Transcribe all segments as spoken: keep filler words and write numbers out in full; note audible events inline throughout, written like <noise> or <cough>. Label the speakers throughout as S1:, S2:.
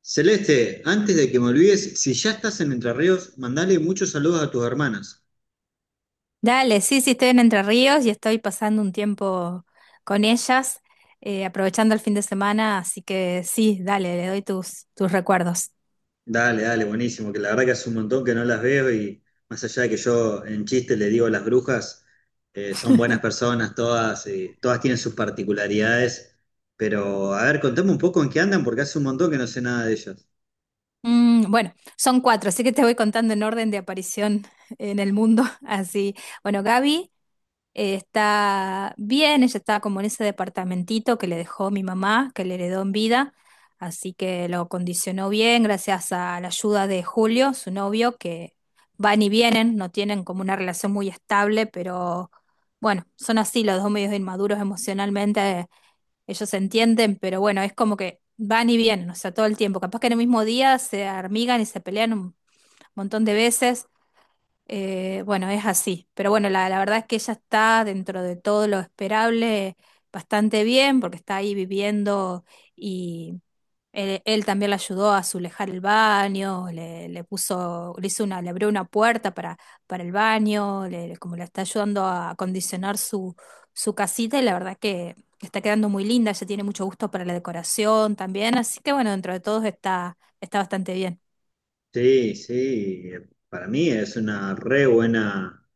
S1: Celeste, antes de que me olvides, si ya estás en Entre Ríos, mandale muchos saludos a tus hermanas.
S2: Dale, sí, sí, estoy en Entre Ríos y estoy pasando un tiempo con ellas, eh, aprovechando el fin de semana, así que sí, dale, le doy tus, tus recuerdos.
S1: Dale, dale, buenísimo, que la verdad que hace un montón que no las veo y más allá de que yo en chiste le digo las brujas, eh, son buenas personas todas, y todas tienen sus particularidades, pero a ver, contame un poco en qué andan porque hace un montón que no sé nada de ellas.
S2: Mm, bueno, son cuatro, así que te voy contando en orden de aparición en el mundo. <laughs> Así, bueno, Gaby, Eh, está bien, ella está como en ese departamentito que le dejó mi mamá, que le heredó en vida, así que lo condicionó bien gracias a la ayuda de Julio, su novio, que van y vienen, no tienen como una relación muy estable, pero bueno, son así los dos medios inmaduros emocionalmente, ellos se entienden, pero bueno, es como que van y vienen, o sea, todo el tiempo, capaz que en el mismo día se armigan y se pelean un montón de veces eh, bueno, es así. Pero bueno, la, la verdad es que ella está dentro de todo lo esperable bastante bien porque está ahí viviendo y él, él también la ayudó a azulejar el baño, le, le puso, le hizo una, le abrió una puerta para, para el baño, le- como le está ayudando a acondicionar su, su casita y la verdad que está quedando muy linda, ella tiene mucho gusto para la decoración también, así que bueno, dentro de todo está, está bastante bien.
S1: Sí, sí, eh, para mí es una re buena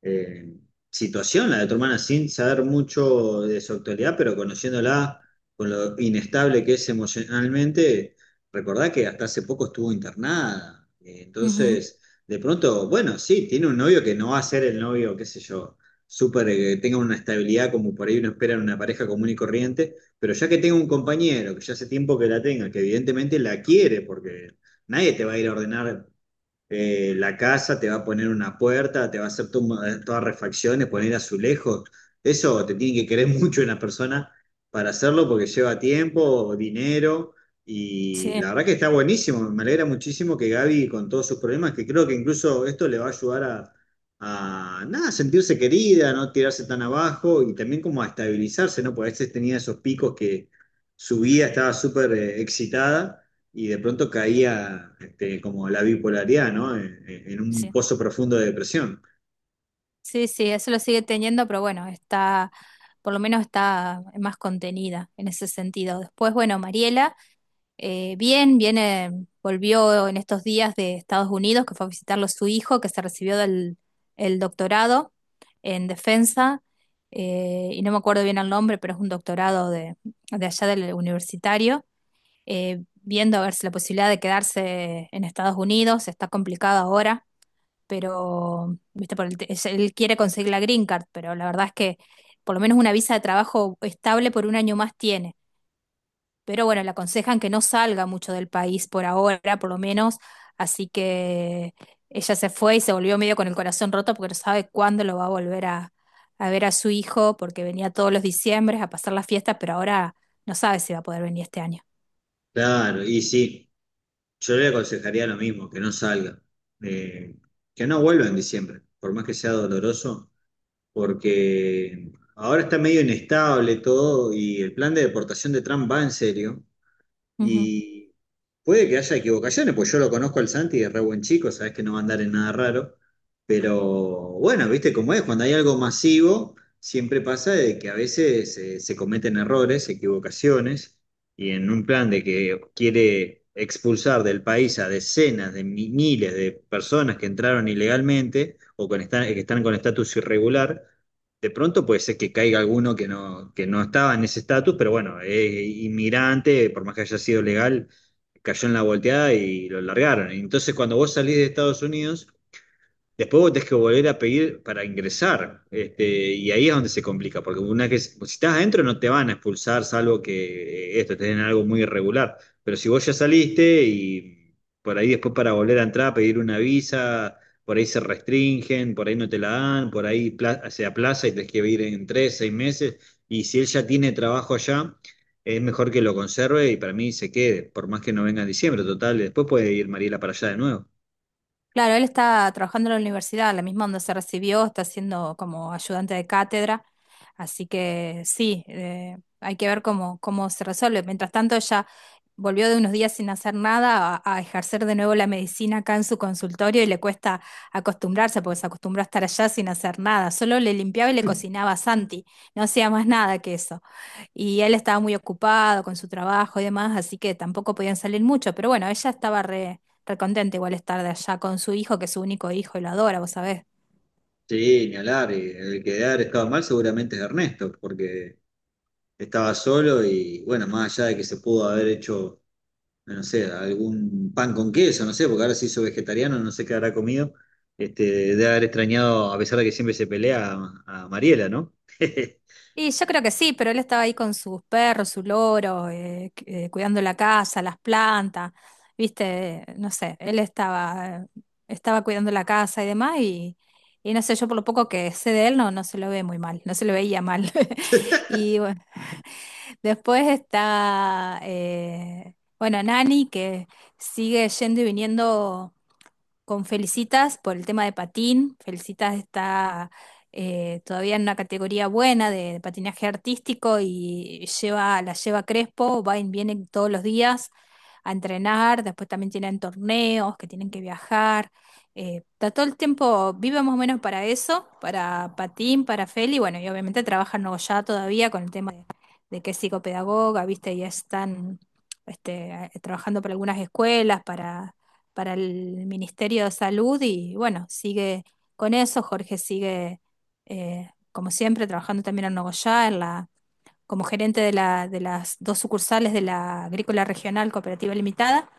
S1: eh, situación la de tu hermana sin saber mucho de su actualidad, pero conociéndola con lo inestable que es emocionalmente, recordá que hasta hace poco estuvo internada. Eh,
S2: Ujú.
S1: entonces, de pronto, bueno, sí, tiene un novio que no va a ser el novio, qué sé yo, súper, eh, que tenga una estabilidad como por ahí uno espera en una pareja común y corriente, pero ya que tenga un compañero, que ya hace tiempo que la tenga, que evidentemente la quiere, porque nadie te va a ir a ordenar eh, la casa, te va a poner una puerta, te va a hacer to- todas refacciones, poner azulejos. Eso te tiene que querer <laughs> mucho una persona para hacerlo porque lleva tiempo, dinero. Y
S2: Sí.
S1: la verdad que está buenísimo. Me alegra muchísimo que Gaby, con todos sus problemas, que creo que incluso esto le va a ayudar a, a nada, sentirse querida, no tirarse tan abajo y también como a estabilizarse, ¿no? Porque a veces tenía esos picos que su vida estaba súper eh, excitada y de pronto caía este, como la bipolaridad, ¿no? En, en un
S2: Sí.
S1: pozo profundo de depresión.
S2: Sí, sí, eso lo sigue teniendo, pero bueno, está, por lo menos está más contenida en ese sentido. Después, bueno, Mariela, eh, bien, viene, volvió en estos días de Estados Unidos, que fue a visitarlo su hijo, que se recibió del el doctorado en defensa, eh, y no me acuerdo bien el nombre, pero es un doctorado de, de allá del universitario, eh, viendo a ver si la posibilidad de quedarse en Estados Unidos está complicado ahora pero, viste, por el te- es- él quiere conseguir la green card, pero la verdad es que por lo menos una visa de trabajo estable por un año más tiene. Pero bueno, le aconsejan que no salga mucho del país por ahora, por lo menos, así que ella se fue y se volvió medio con el corazón roto porque no sabe cuándo lo va a volver a, a ver a su hijo, porque venía todos los diciembres a pasar las fiestas, pero ahora no sabe si va a poder venir este año.
S1: Claro, y sí, yo le aconsejaría lo mismo, que no salga, eh, que no vuelva en diciembre, por más que sea doloroso, porque ahora está medio inestable todo y el plan de deportación de Trump va en serio. Y puede que haya equivocaciones, pues yo lo conozco al Santi, es re buen chico, sabes que no va a andar en nada raro. Pero bueno, viste cómo es, cuando hay algo masivo, siempre pasa de que a veces eh, se cometen errores, equivocaciones, y en un plan de que quiere expulsar del país a decenas de mi- miles de personas que entraron ilegalmente o con esta- que están con estatus irregular, de pronto puede ser que caiga alguno que no, que no estaba en ese estatus, pero bueno, es inmigrante, por más que haya sido legal, cayó en la volteada y lo largaron. Entonces, cuando vos salís de Estados Unidos, después vos tenés que volver a pedir para ingresar, este, y ahí es donde se complica, porque una que, si estás adentro no te van a expulsar, salvo que eh, esto, estén en algo muy irregular. Pero si vos ya saliste y por ahí después para volver a entrar, pedir una visa, por ahí se restringen, por ahí no te la dan, por ahí pla- se aplaza y tenés que ir en tres, seis meses, y si él ya tiene trabajo allá, es mejor que lo conserve y para mí se quede, por más que no venga en diciembre, total, después puede ir Mariela para allá de nuevo.
S2: Claro, él está trabajando en la universidad, la misma donde se recibió, está siendo como ayudante de cátedra, así que sí, eh, hay que ver cómo, cómo se resuelve. Mientras tanto, ella volvió de unos días sin hacer nada a, a ejercer de nuevo la medicina acá en su consultorio y le cuesta acostumbrarse porque se acostumbró a estar allá sin hacer nada, solo le limpiaba y le cocinaba a Santi, no hacía más nada que eso. Y él estaba muy ocupado con su trabajo y demás, así que tampoco podían salir mucho. Pero bueno, ella estaba re, re contenta igual estar de allá con su hijo, que es su único hijo y lo adora, vos sabés.
S1: Sí, ni hablar. Y el que debe haber estado mal seguramente es Ernesto, porque estaba solo y bueno, más allá de que se pudo haber hecho, no sé, algún pan con queso, no sé, porque ahora se hizo vegetariano, no sé qué habrá comido, este, debe haber extrañado, a pesar de que siempre se pelea, a, a Mariela, ¿no? <laughs>
S2: Y yo creo que sí, pero él estaba ahí con sus perros, su loro, eh, cu- eh, cuidando la casa, las plantas, viste, no sé, él estaba, estaba cuidando la casa y demás y, y no sé, yo por lo poco que sé de él no, no se lo ve muy mal, no se lo veía mal. <laughs> Y bueno, después está, eh, bueno, Nani, que sigue yendo y viniendo con Felicitas por el tema de patín. Felicitas está eh, todavía en una categoría buena de patinaje artístico y lleva, la lleva Crespo, va y viene todos los días a entrenar, después también tienen torneos que tienen que viajar. Eh, está todo el tiempo, vive más o menos para eso, para patín, para Feli, bueno, y obviamente trabaja en Nogoyá todavía con el tema de que es psicopedagoga, viste, ya están este, eh, trabajando para algunas escuelas, para, para el Ministerio de Salud y bueno, sigue con eso, Jorge sigue eh, como siempre trabajando también en Nogoyá, en la, como gerente de, la, de las dos sucursales de la Agrícola Regional Cooperativa Limitada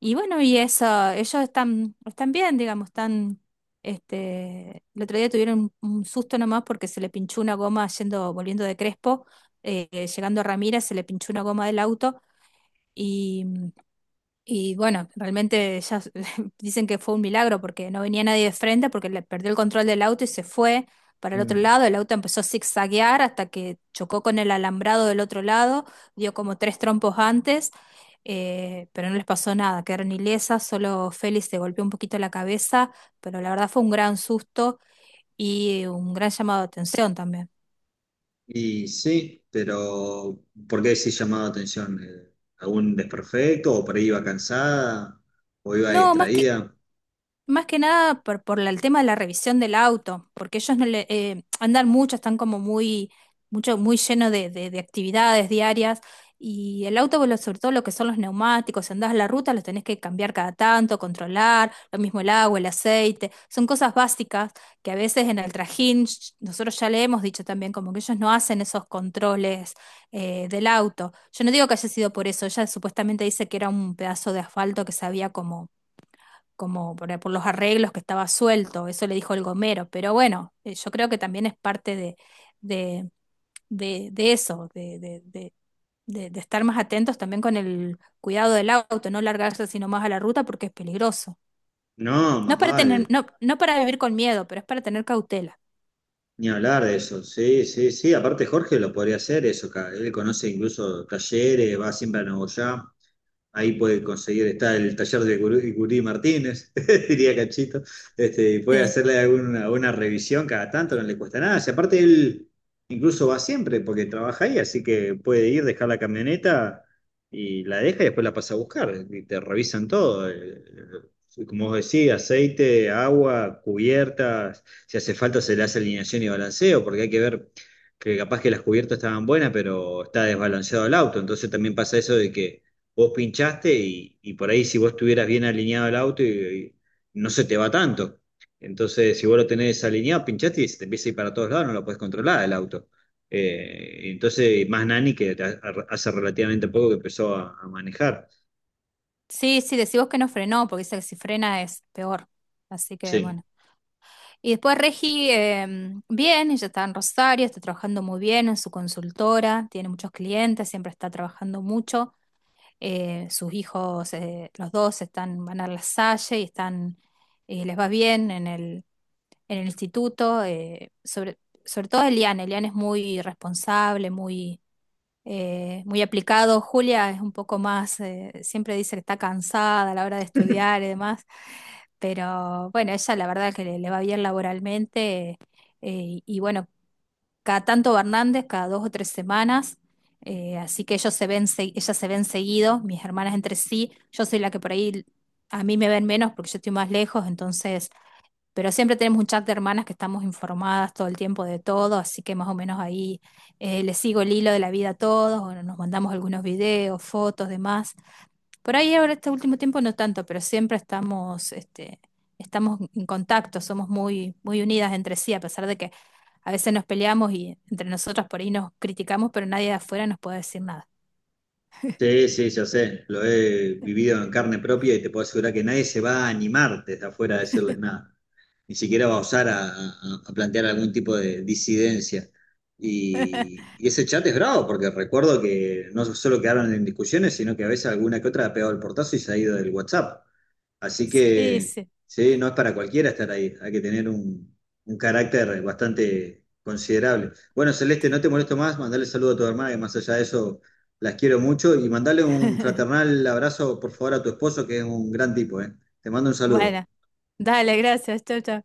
S2: y bueno, y eso, ellos están, están bien, digamos, están, este, el otro día tuvieron un, un susto nomás porque se le pinchó una goma yendo, volviendo de Crespo, eh, llegando a Ramírez, se le pinchó una goma del auto y bueno, realmente ya s- <laughs> dicen que fue un milagro porque no venía nadie de frente, porque le perdió el control del auto y se fue para el otro
S1: Mm.
S2: lado. El auto empezó a zigzaguear hasta que chocó con el alambrado del otro lado, dio como tres trompos antes, eh, pero no les pasó nada, quedaron ilesas, solo Félix se golpeó un poquito la cabeza, pero la verdad fue un gran susto y un gran llamado de atención también.
S1: Y sí, pero ¿por qué sí llamaba atención? Eh, Algún desperfecto? ¿O por ahí iba cansada? ¿O iba
S2: No, más que
S1: distraída?
S2: más que nada por, por la- el tema de la revisión del auto, porque ellos no le, eh, andan mucho, están como muy, mucho, muy lleno de, de- de actividades diarias. Y el auto, bueno, sobre todo lo que son los neumáticos, si andás a la ruta, los tenés que cambiar cada tanto, controlar, lo mismo el agua, el aceite, son cosas básicas que a veces en el trajín, sh- nosotros ya le hemos dicho también, como que ellos no hacen esos controles eh, del auto. Yo no digo que haya sido por eso, ella supuestamente dice que era un pedazo de asfalto que se había como como por, por los arreglos que estaba suelto, eso le dijo el gomero, pero bueno, eh, yo creo que también es parte de, de, de, de eso, de, de, de- de- de estar más atentos también con el cuidado del auto, no largarse sino más a la ruta porque es peligroso.
S1: No,
S2: No
S1: más
S2: para tener,
S1: vale.
S2: no, no para vivir con miedo, pero es para tener cautela.
S1: Ni hablar de eso, sí, sí, sí. Aparte Jorge lo podría hacer eso, ca- él conoce incluso talleres, va siempre a Nuevo Ya. Ahí puede conseguir, está el taller de Gurí, Gurí Martínez, <laughs> diría Cachito, este, y puede
S2: Sí,
S1: hacerle alguna, una revisión cada tanto, no le cuesta nada. Y aparte él incluso va siempre porque trabaja ahí, así que puede ir, dejar la camioneta y la deja y después la pasa a buscar. Y te revisan todo, eh, eh, como vos decís, aceite, agua, cubiertas, si hace falta se le hace alineación y balanceo, porque hay que ver que capaz que las cubiertas estaban buenas, pero está desbalanceado el auto, entonces también pasa eso de que vos pinchaste y, y por ahí si vos estuvieras bien alineado el auto y, y no se te va tanto. Entonces, si vos lo tenés alineado, pinchaste y se te empieza a ir para todos lados, no lo podés controlar el auto. Eh, entonces, más Nani que hace relativamente poco que empezó a, a manejar.
S2: sí, sí, decimos que no frenó, porque dice que si frena es peor. Así que
S1: Sí.
S2: bueno. Y después Regi, eh, bien, ella está en Rosario, está trabajando muy bien en su consultora, tiene muchos clientes, siempre está trabajando mucho. Eh, sus hijos, eh, los dos están, van a la Salle y están, eh, les va bien en el, en el instituto. Eh, sobre, sobre todo Eliane, Eliane es muy responsable, muy, eh, muy aplicado. Julia es un poco más, eh, siempre dice que está cansada a la hora de estudiar y demás. Pero bueno, ella la verdad que le, le va bien laboralmente. Eh, y bueno, cada tanto va Hernández, cada dos o tres semanas. Eh, así que ellos se ven, se- ellas se ven seguido, mis hermanas entre sí. Yo soy la que por ahí a mí me ven menos porque yo estoy más lejos, entonces. Pero siempre tenemos un chat de hermanas que estamos informadas todo el tiempo de todo, así que más o menos ahí eh, les sigo el hilo de la vida a todos, o nos mandamos algunos videos, fotos, demás. Por ahí ahora este último tiempo no tanto, pero siempre estamos, este, estamos en contacto, somos muy, muy unidas entre sí, a pesar de que a veces nos peleamos y entre nosotras por ahí nos criticamos, pero nadie de afuera nos puede decir nada.
S1: Sí, sí, ya sé, lo he vivido en carne propia y te puedo asegurar que nadie se va a animar desde afuera a decirles nada, ni siquiera va a osar a, a- a plantear algún tipo de disidencia.
S2: <laughs>
S1: Y, y ese chat es bravo, porque recuerdo que no solo quedaron en discusiones, sino que a veces alguna que otra ha pegado el portazo y se ha ido del WhatsApp. Así
S2: Sí,
S1: que,
S2: sí.
S1: sí, no es para cualquiera estar ahí, hay que tener un, un carácter bastante considerable. Bueno, Celeste, no te molesto más, mandale saludo a tu hermana, que más allá de eso las quiero mucho, y mandale un fraternal abrazo, por favor, a tu esposo, que es un gran tipo, ¿eh? Te mando un saludo.
S2: Bueno, dale, gracias. Chau, chau.